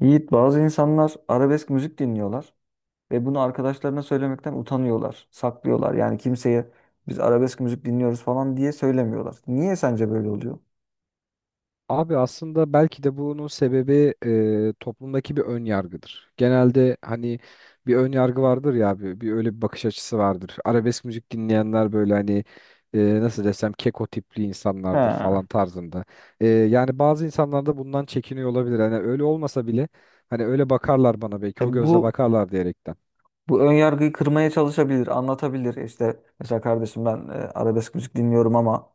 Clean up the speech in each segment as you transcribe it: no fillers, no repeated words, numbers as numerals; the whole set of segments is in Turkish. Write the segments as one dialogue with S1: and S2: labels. S1: Yiğit, bazı insanlar arabesk müzik dinliyorlar ve bunu arkadaşlarına söylemekten utanıyorlar, saklıyorlar. Yani kimseye biz arabesk müzik dinliyoruz falan diye söylemiyorlar. Niye sence böyle oluyor?
S2: Abi aslında belki de bunun sebebi toplumdaki bir ön yargıdır. Genelde hani bir ön yargı vardır ya abi, bir öyle bir bakış açısı vardır. Arabesk müzik dinleyenler böyle hani nasıl desem keko tipli insanlardır
S1: Ha.
S2: falan tarzında. Yani bazı insanlar da bundan çekiniyor olabilir. Hani öyle olmasa bile hani öyle bakarlar bana belki
S1: E,
S2: o gözle
S1: bu
S2: bakarlar diyerekten.
S1: bu ön yargıyı kırmaya çalışabilir, anlatabilir. İşte mesela kardeşim ben arabesk müzik dinliyorum ama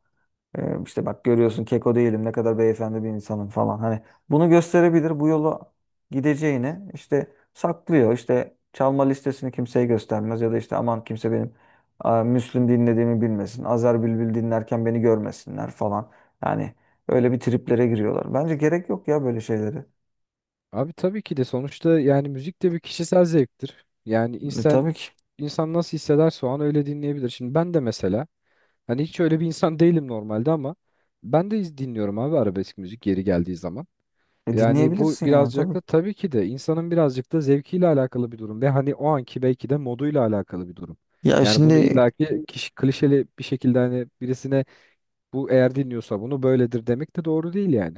S1: İşte bak görüyorsun keko değilim ne kadar beyefendi bir insanım falan. Hani bunu gösterebilir, bu yola gideceğini işte saklıyor. İşte çalma listesini kimseye göstermez ya da işte aman kimse benim Müslüm dinlediğimi bilmesin. Azer Bülbül dinlerken beni görmesinler falan. Yani öyle bir triplere giriyorlar. Bence gerek yok ya böyle şeyleri.
S2: Abi tabii ki de sonuçta yani müzik de bir kişisel zevktir. Yani
S1: E,
S2: insan
S1: tabii ki.
S2: insan nasıl hissederse o an öyle dinleyebilir. Şimdi ben de mesela hani hiç öyle bir insan değilim normalde ama ben de dinliyorum abi arabesk müzik yeri geldiği zaman.
S1: E,
S2: Yani bu
S1: dinleyebilirsin yani
S2: birazcık
S1: tabii
S2: da
S1: ki.
S2: tabii ki de insanın birazcık da zevkiyle alakalı bir durum ve hani o anki belki de moduyla alakalı bir durum.
S1: Ya
S2: Yani bunu
S1: şimdi
S2: illaki kişi klişeli bir şekilde hani birisine bu eğer dinliyorsa bunu böyledir demek de doğru değil yani.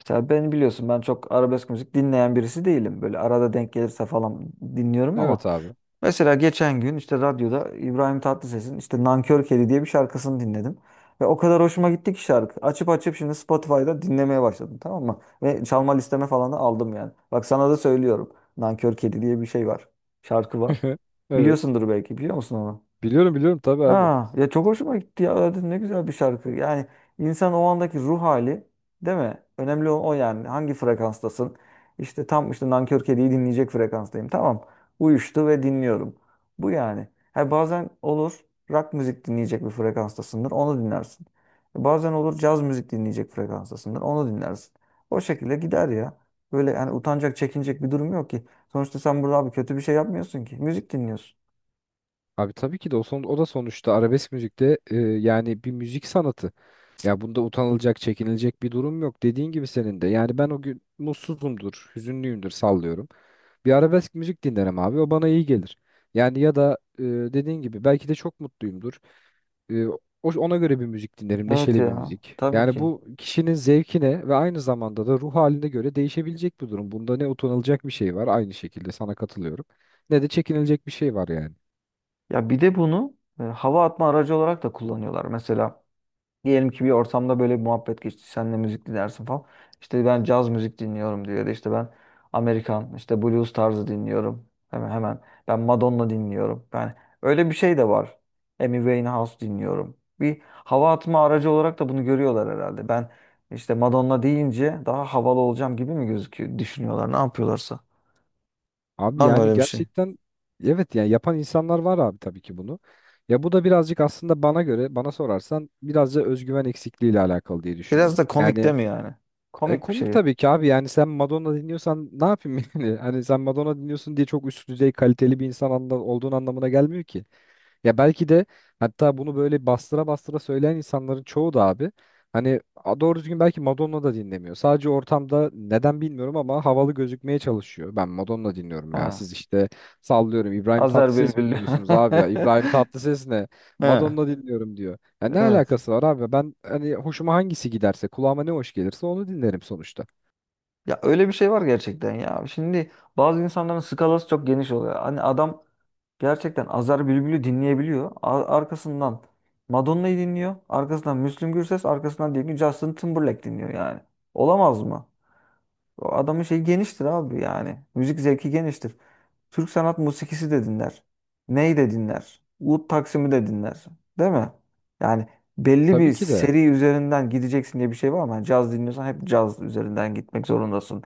S1: mesela ben, biliyorsun, ben çok arabesk müzik dinleyen birisi değilim. Böyle arada denk gelirse falan dinliyorum ama
S2: Evet abi.
S1: mesela geçen gün işte radyoda İbrahim Tatlıses'in işte Nankör Kedi diye bir şarkısını dinledim. Ve o kadar hoşuma gitti ki şarkı. Açıp açıp şimdi Spotify'da dinlemeye başladım, tamam mı? Ve çalma listeme falan da aldım yani. Bak sana da söylüyorum. Nankör Kedi diye bir şey var. Şarkı var.
S2: Evet.
S1: Biliyorsundur belki, biliyor musun onu?
S2: Biliyorum biliyorum tabii abi.
S1: Ha ya, çok hoşuma gitti ya. Dedim ne güzel bir şarkı. Yani insan o andaki ruh hali, değil mi? Önemli olan o yani. Hangi frekanstasın? İşte tam işte Nankör Kedi'yi dinleyecek frekanstayım. Tamam. Uyuştu ve dinliyorum. Bu yani. Ha, bazen olur rock müzik dinleyecek bir frekanstasındır. Onu dinlersin. Bazen olur caz müzik dinleyecek frekanstasındır. Onu dinlersin. O şekilde gider ya. Böyle yani utanacak, çekinecek bir durum yok ki. Sonuçta sen burada abi kötü bir şey yapmıyorsun ki. Müzik dinliyorsun.
S2: Abi tabii ki de o da sonuçta arabesk müzikte yani bir müzik sanatı. Ya bunda utanılacak, çekinilecek bir durum yok. Dediğin gibi senin de. Yani ben o gün mutsuzumdur, hüzünlüyümdür sallıyorum. Bir arabesk müzik dinlerim abi. O bana iyi gelir. Yani ya da dediğin gibi belki de çok mutluyumdur. E, ona göre bir müzik dinlerim.
S1: Evet
S2: Neşeli bir
S1: ya.
S2: müzik.
S1: Tabii
S2: Yani
S1: ki.
S2: bu kişinin zevkine ve aynı zamanda da ruh haline göre değişebilecek bir durum. Bunda ne utanılacak bir şey var, aynı şekilde sana katılıyorum. Ne de çekinilecek bir şey var yani.
S1: Ya bir de bunu hava atma aracı olarak da kullanıyorlar. Mesela diyelim ki bir ortamda böyle bir muhabbet geçti. Sen de müzik dinlersin falan. İşte ben caz müzik dinliyorum, diyor. Ya da işte ben Amerikan işte blues tarzı dinliyorum. Hemen hemen ben Madonna dinliyorum. Ben öyle bir şey de var. Amy Winehouse dinliyorum. Bir hava atma aracı olarak da bunu görüyorlar herhalde. Ben işte Madonna deyince daha havalı olacağım gibi mi gözüküyor, düşünüyorlar ne yapıyorlarsa.
S2: Abi
S1: Var mı
S2: yani
S1: öyle bir şey?
S2: gerçekten evet yani yapan insanlar var abi tabii ki bunu. Ya bu da birazcık aslında bana göre, bana sorarsan birazcık da özgüven eksikliğiyle alakalı diye
S1: Biraz
S2: düşünüyorum.
S1: da komik
S2: Yani
S1: değil mi yani? Komik bir
S2: komik
S1: şey.
S2: tabii ki abi, yani sen Madonna dinliyorsan ne yapayım yani? Hani sen Madonna dinliyorsun diye çok üst düzey kaliteli bir insan olduğun anlamına gelmiyor ki. Ya belki de hatta bunu böyle bastıra bastıra söyleyen insanların çoğu da abi hani doğru düzgün belki Madonna da dinlemiyor. Sadece ortamda neden bilmiyorum ama havalı gözükmeye çalışıyor. Ben Madonna dinliyorum
S1: He.
S2: ya, siz işte sallıyorum İbrahim
S1: Azer
S2: Tatlıses mi
S1: Bülbül.
S2: dinliyorsunuz abi ya? İbrahim Tatlıses ne?
S1: Ha,
S2: Madonna dinliyorum diyor. Ya ne
S1: evet.
S2: alakası var abi? Ben hani hoşuma hangisi giderse, kulağıma ne hoş gelirse onu dinlerim sonuçta.
S1: Ya öyle bir şey var gerçekten ya. Şimdi bazı insanların skalası çok geniş oluyor. Hani adam gerçekten Azer Bülbül'ü dinleyebiliyor. Arkasından Madonna'yı dinliyor. Arkasından Müslüm Gürses, arkasından diyelim ki Justin Timberlake dinliyor yani. Olamaz mı? O adamın şeyi geniştir abi yani. Müzik zevki geniştir. Türk sanat musikisi de dinler. Ney de dinler. Ud Taksim'i de dinler. Değil mi? Yani belli
S2: Tabii
S1: bir
S2: ki de
S1: seri üzerinden gideceksin diye bir şey var mı? Yani caz dinliyorsan hep caz üzerinden gitmek zorundasın.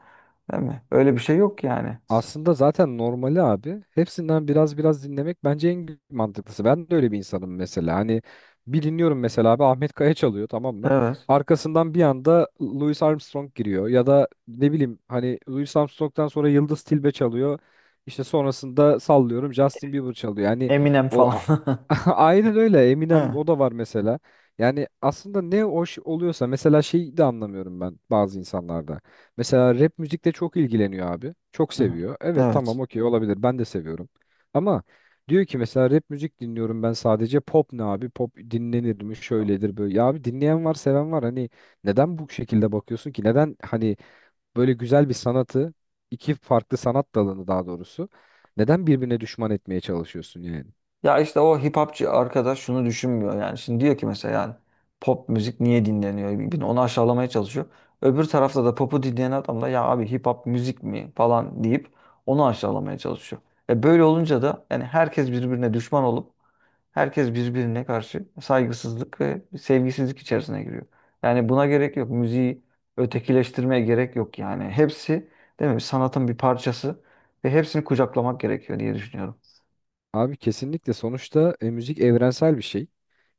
S1: Değil mi? Öyle bir şey yok yani.
S2: aslında zaten normali abi. Hepsinden biraz biraz dinlemek bence en mantıklısı. Ben de öyle bir insanım mesela. Hani bir dinliyorum mesela abi, Ahmet Kaya çalıyor tamam mı?
S1: Evet.
S2: Arkasından bir anda Louis Armstrong giriyor. Ya da ne bileyim hani Louis Armstrong'dan sonra Yıldız Tilbe çalıyor. İşte sonrasında sallıyorum Justin Bieber çalıyor. Yani
S1: Eminem
S2: o
S1: falan.
S2: a- aynen öyle,
S1: He.
S2: Eminem o da var mesela. Yani aslında ne hoş oluyorsa, mesela şeyi de anlamıyorum ben bazı insanlarda. Mesela rap müzikle çok ilgileniyor abi. Çok
S1: Hı hı.
S2: seviyor. Evet
S1: Evet.
S2: tamam, okey, olabilir. Ben de seviyorum. Ama diyor ki mesela rap müzik dinliyorum ben sadece. Pop ne abi? Pop dinlenir mi? Şöyledir böyle. Ya abi dinleyen var, seven var. Hani neden bu şekilde bakıyorsun ki? Neden hani böyle güzel bir sanatı, iki farklı sanat dalını daha doğrusu, neden birbirine düşman etmeye çalışıyorsun yani?
S1: Ya işte o hip hopçı arkadaş şunu düşünmüyor yani. Şimdi diyor ki mesela yani pop müzik niye dinleniyor? Bir- bir Onu aşağılamaya çalışıyor. Öbür tarafta da popu dinleyen adam da, ya abi hip hop müzik mi falan deyip onu aşağılamaya çalışıyor. E böyle olunca da yani herkes birbirine düşman olup herkes birbirine karşı saygısızlık ve sevgisizlik içerisine giriyor. Yani buna gerek yok. Müziği ötekileştirmeye gerek yok yani. Hepsi, değil mi? Sanatın bir parçası ve hepsini kucaklamak gerekiyor diye düşünüyorum.
S2: Abi kesinlikle, sonuçta müzik evrensel bir şey.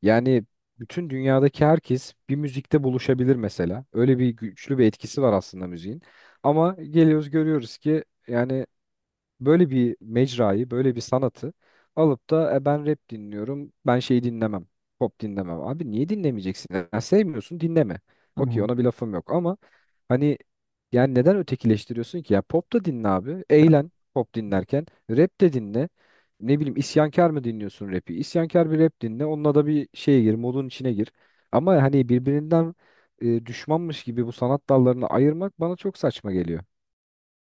S2: Yani bütün dünyadaki herkes bir müzikte buluşabilir mesela. Öyle bir güçlü bir etkisi var aslında müziğin. Ama geliyoruz görüyoruz ki yani böyle bir mecrayı, böyle bir sanatı alıp da "Ben rap dinliyorum, ben şey dinlemem, pop dinlemem. Abi niye dinlemeyeceksin? Ya, sevmiyorsun dinleme."
S1: Hı
S2: Okey,
S1: hı.
S2: ona bir lafım yok ama hani yani neden ötekileştiriyorsun ki? Ya pop da dinle abi. Eğlen pop dinlerken. Rap de dinle. Ne bileyim, isyankar mı dinliyorsun rapi? İsyankar bir rap dinle. Onunla da bir şeye gir, modun içine gir. Ama hani birbirinden düşmanmış gibi bu sanat dallarını ayırmak bana çok saçma geliyor.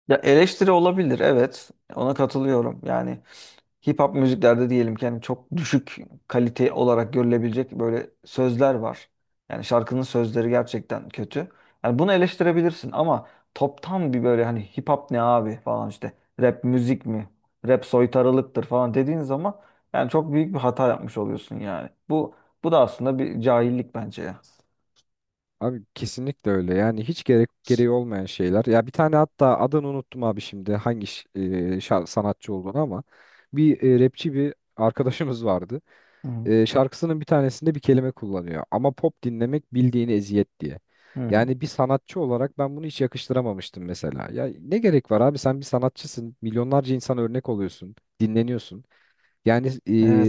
S1: Ya eleştiri olabilir, evet, ona katılıyorum. Yani hip hop müziklerde diyelim ki yani çok düşük kalite olarak görülebilecek böyle sözler var. Yani şarkının sözleri gerçekten kötü. Yani bunu eleştirebilirsin ama toptan bir böyle hani hip hop ne abi falan işte, rap müzik mi? Rap soytarılıktır falan dediğin zaman yani çok büyük bir hata yapmış oluyorsun yani. Bu da aslında bir cahillik bence ya.
S2: Abi kesinlikle öyle. Yani hiç gerek gereği olmayan şeyler. Ya bir tane, hatta adını unuttum abi şimdi hangi sanatçı olduğunu ama bir rapçi bir arkadaşımız vardı.
S1: Hı
S2: Şarkısının bir tanesinde bir kelime kullanıyor. Ama pop dinlemek bildiğini eziyet diye.
S1: hı.
S2: Yani bir sanatçı olarak ben bunu hiç yakıştıramamıştım mesela. Ya ne gerek var abi, sen bir sanatçısın. Milyonlarca insana örnek oluyorsun. Dinleniyorsun. Yani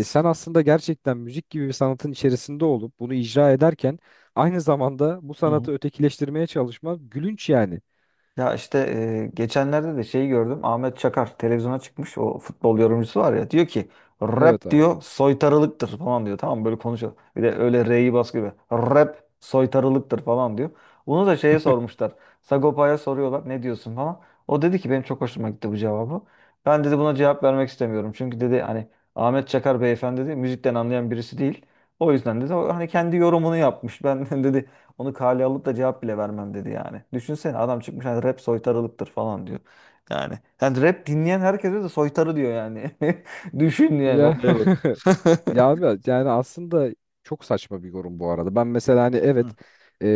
S2: sen aslında gerçekten müzik gibi bir sanatın içerisinde olup bunu icra ederken aynı zamanda bu
S1: Hı
S2: sanatı
S1: hı.
S2: ötekileştirmeye çalışma gülünç yani.
S1: Ya işte geçenlerde de şeyi gördüm. Ahmet Çakar televizyona çıkmış. O futbol yorumcusu var ya. Diyor ki rap,
S2: Evet abi.
S1: diyor, soytarılıktır falan diyor. Tamam mı? Böyle konuşuyor. Bir de öyle R'yi bas gibi. Rap soytarılıktır falan diyor. Bunu da şeye sormuşlar. Sagopa'ya soruyorlar ne diyorsun falan. O dedi ki, benim çok hoşuma gitti bu cevabı. Ben, dedi, buna cevap vermek istemiyorum. Çünkü, dedi, hani Ahmet Çakar beyefendi, dedi, müzikten anlayan birisi değil. O yüzden, dedi, o hani kendi yorumunu yapmış. Ben, dedi, onu kale alıp da cevap bile vermem, dedi yani. Düşünsene adam çıkmış hani rap soytarılıktır falan diyor. Yani rap dinleyen herkese de soytarı diyor yani. Düşün yani,
S2: Ya
S1: olaya bak.
S2: ya abi, yani aslında çok saçma bir yorum bu arada. Ben mesela hani evet,
S1: Hı,
S2: e,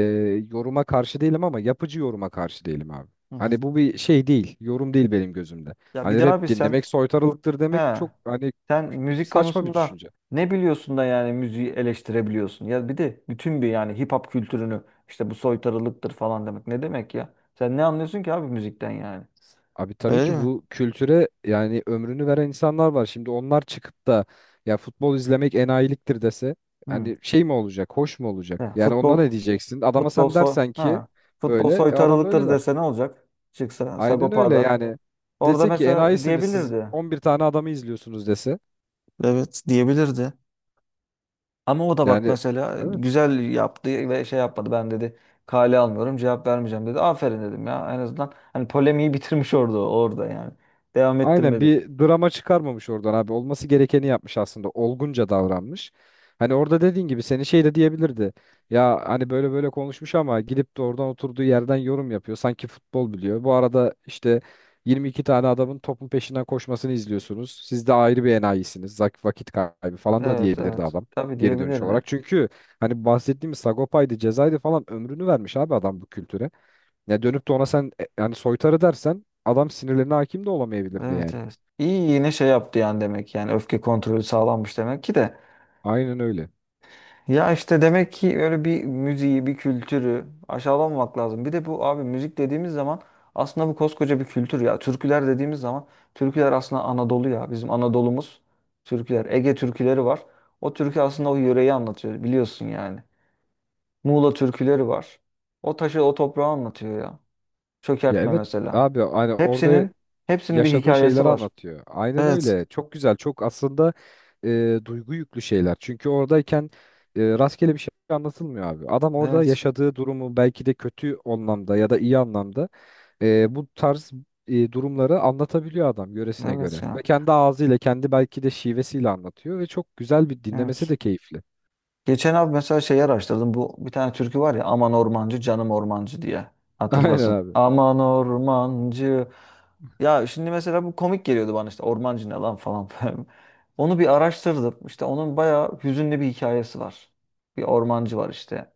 S2: yoruma karşı değilim ama yapıcı yoruma karşı değilim abi.
S1: hı hı.
S2: Hani bu bir şey değil, yorum değil benim gözümde.
S1: Ya bir
S2: Hani
S1: daha,
S2: rap
S1: bir
S2: dinlemek soytarılıktır demek
S1: he
S2: çok hani
S1: sen müzik
S2: saçma bir
S1: konusunda
S2: düşünce.
S1: ne biliyorsun da yani müziği eleştirebiliyorsun? Ya bir de bütün bir yani hip hop kültürünü işte bu soytarılıktır falan demek ne demek ya? Sen ne anlıyorsun ki abi müzikten yani?
S2: Abi tabii
S1: Öyle
S2: ki
S1: değil mi?
S2: bu kültüre yani ömrünü veren insanlar var. Şimdi onlar çıkıp da "Ya futbol izlemek enayiliktir" dese,
S1: Hı.
S2: hani şey mi olacak, hoş mu olacak?
S1: Ya
S2: Yani ona
S1: futbol
S2: ne diyeceksin? Adama
S1: Futbol
S2: sen
S1: soy
S2: dersen ki,
S1: ha. Futbol
S2: böyle adam da öyle
S1: soytarılıktır
S2: der.
S1: dese ne olacak? Çıksa
S2: Aynen öyle
S1: Sagopa'da.
S2: yani.
S1: Orada
S2: Dese ki
S1: mesela
S2: "Enayisiniz siz,
S1: diyebilirdi.
S2: 11 tane adamı izliyorsunuz" dese.
S1: Evet, diyebilirdi. Ama o da bak
S2: Yani
S1: mesela
S2: evet.
S1: güzel yaptı ve şey yapmadı. Ben, dedi, kale almıyorum, cevap vermeyeceğim, dedi. Aferin dedim ya, en azından hani polemiği bitirmiş orada yani. Devam
S2: Aynen,
S1: ettirmedi.
S2: bir drama çıkarmamış oradan abi. Olması gerekeni yapmış aslında. Olgunca davranmış. Hani orada dediğin gibi seni şey de diyebilirdi. Ya hani böyle böyle konuşmuş ama gidip de oradan oturduğu yerden yorum yapıyor. Sanki futbol biliyor. Bu arada işte 22 tane adamın topun peşinden koşmasını izliyorsunuz. Siz de ayrı bir enayisiniz. Vakit kaybı falan da
S1: Evet,
S2: diyebilirdi
S1: evet.
S2: adam
S1: Tabii,
S2: geri dönüş
S1: diyebilirdi.
S2: olarak. Çünkü hani bahsettiğimiz Sagopa'ydı, Ceza'ydı falan, ömrünü vermiş abi adam bu kültüre. Ya dönüp de ona sen yani soytarı dersen, adam sinirlerine hakim de olamayabilirdi
S1: Evet,
S2: yani.
S1: evet. İyi, yine şey yaptı yani, demek yani öfke kontrolü sağlanmış demek ki de.
S2: Aynen öyle.
S1: Ya işte demek ki öyle bir müziği, bir kültürü aşağılamamak lazım. Bir de bu, abi, müzik dediğimiz zaman aslında bu koskoca bir kültür ya. Türküler dediğimiz zaman türküler aslında Anadolu ya. Bizim Anadolu'muz türküler. Ege türküleri var. O türkü aslında o yöreyi anlatıyor, biliyorsun yani. Muğla türküleri var. O taşı, o toprağı anlatıyor ya.
S2: Ya
S1: Çökertme
S2: evet
S1: mesela.
S2: abi, hani orada
S1: Hepsinin hepsinin bir
S2: yaşadığı
S1: hikayesi
S2: şeyleri
S1: var.
S2: anlatıyor. Aynen
S1: Evet.
S2: öyle. Çok güzel. Çok aslında duygu yüklü şeyler. Çünkü oradayken rastgele bir şey anlatılmıyor abi. Adam orada
S1: Evet.
S2: yaşadığı durumu belki de kötü anlamda ya da iyi anlamda bu tarz durumları anlatabiliyor adam göresine
S1: Evet
S2: göre. Ve
S1: ya.
S2: kendi ağzıyla, kendi belki de şivesiyle anlatıyor ve çok güzel, bir dinlemesi de
S1: Evet.
S2: keyifli.
S1: Geçen abi mesela şeyi araştırdım. Bu bir tane türkü var ya, Aman Ormancı Canım Ormancı diye.
S2: Aynen
S1: Hatırlarsın.
S2: abi.
S1: Aman Ormancı. Ya şimdi mesela bu komik geliyordu bana, işte Ormancı ne lan falan. Onu bir araştırdım. İşte onun bayağı hüzünlü bir hikayesi var. Bir ormancı var işte.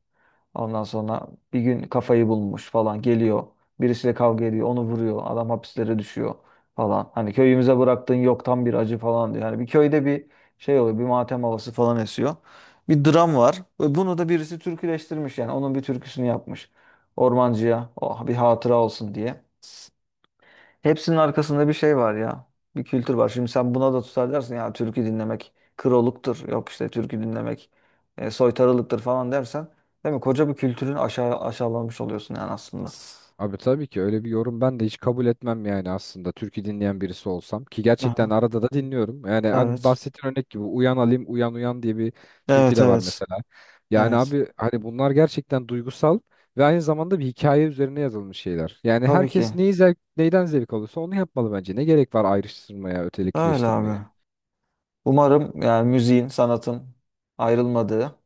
S1: Ondan sonra bir gün kafayı bulmuş falan geliyor. Birisiyle kavga ediyor, onu vuruyor. Adam hapislere düşüyor falan. Hani köyümüze bıraktığın yok, tam bir acı falan diyor. Yani bir köyde bir şey oluyor, bir matem havası falan esiyor. Bir dram var. Ve bunu da birisi türküleştirmiş yani. Onun bir türküsünü yapmış. Ormancıya, oh, bir hatıra olsun diye. Hepsinin arkasında bir şey var ya. Bir kültür var. Şimdi sen buna da tutar dersin ya türkü dinlemek kroluktur. Yok işte, türkü dinlemek soytarılıktır falan dersen, değil mi? Koca bir kültürün aşağılanmış oluyorsun yani aslında.
S2: Abi tabii ki öyle bir yorum ben de hiç kabul etmem yani, aslında türkü dinleyen birisi olsam ki gerçekten
S1: Aha,
S2: arada da dinliyorum. Yani hani
S1: evet.
S2: bahsettiğin örnek gibi Uyan Alim Uyan Uyan diye bir türkü
S1: Evet,
S2: de var
S1: evet.
S2: mesela. Yani
S1: Evet.
S2: abi hani bunlar gerçekten duygusal ve aynı zamanda bir hikaye üzerine yazılmış şeyler. Yani
S1: Tabii
S2: herkes
S1: ki.
S2: neyi zevk, neyden zevk alıyorsa onu yapmalı bence. Ne gerek var ayrıştırmaya,
S1: Öyle
S2: ötekileştirmeye?
S1: abi. Umarım yani müziğin, sanatın ayrılmadığı,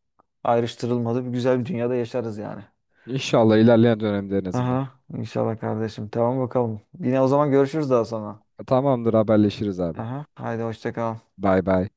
S1: ayrıştırılmadığı bir güzel bir dünyada yaşarız yani.
S2: İnşallah ilerleyen dönemde en azından.
S1: Aha, inşallah kardeşim. Tamam, bakalım. Yine o zaman görüşürüz daha sonra.
S2: Tamamdır, haberleşiriz abi.
S1: Aha. Haydi hoşça kal.
S2: Bay bay.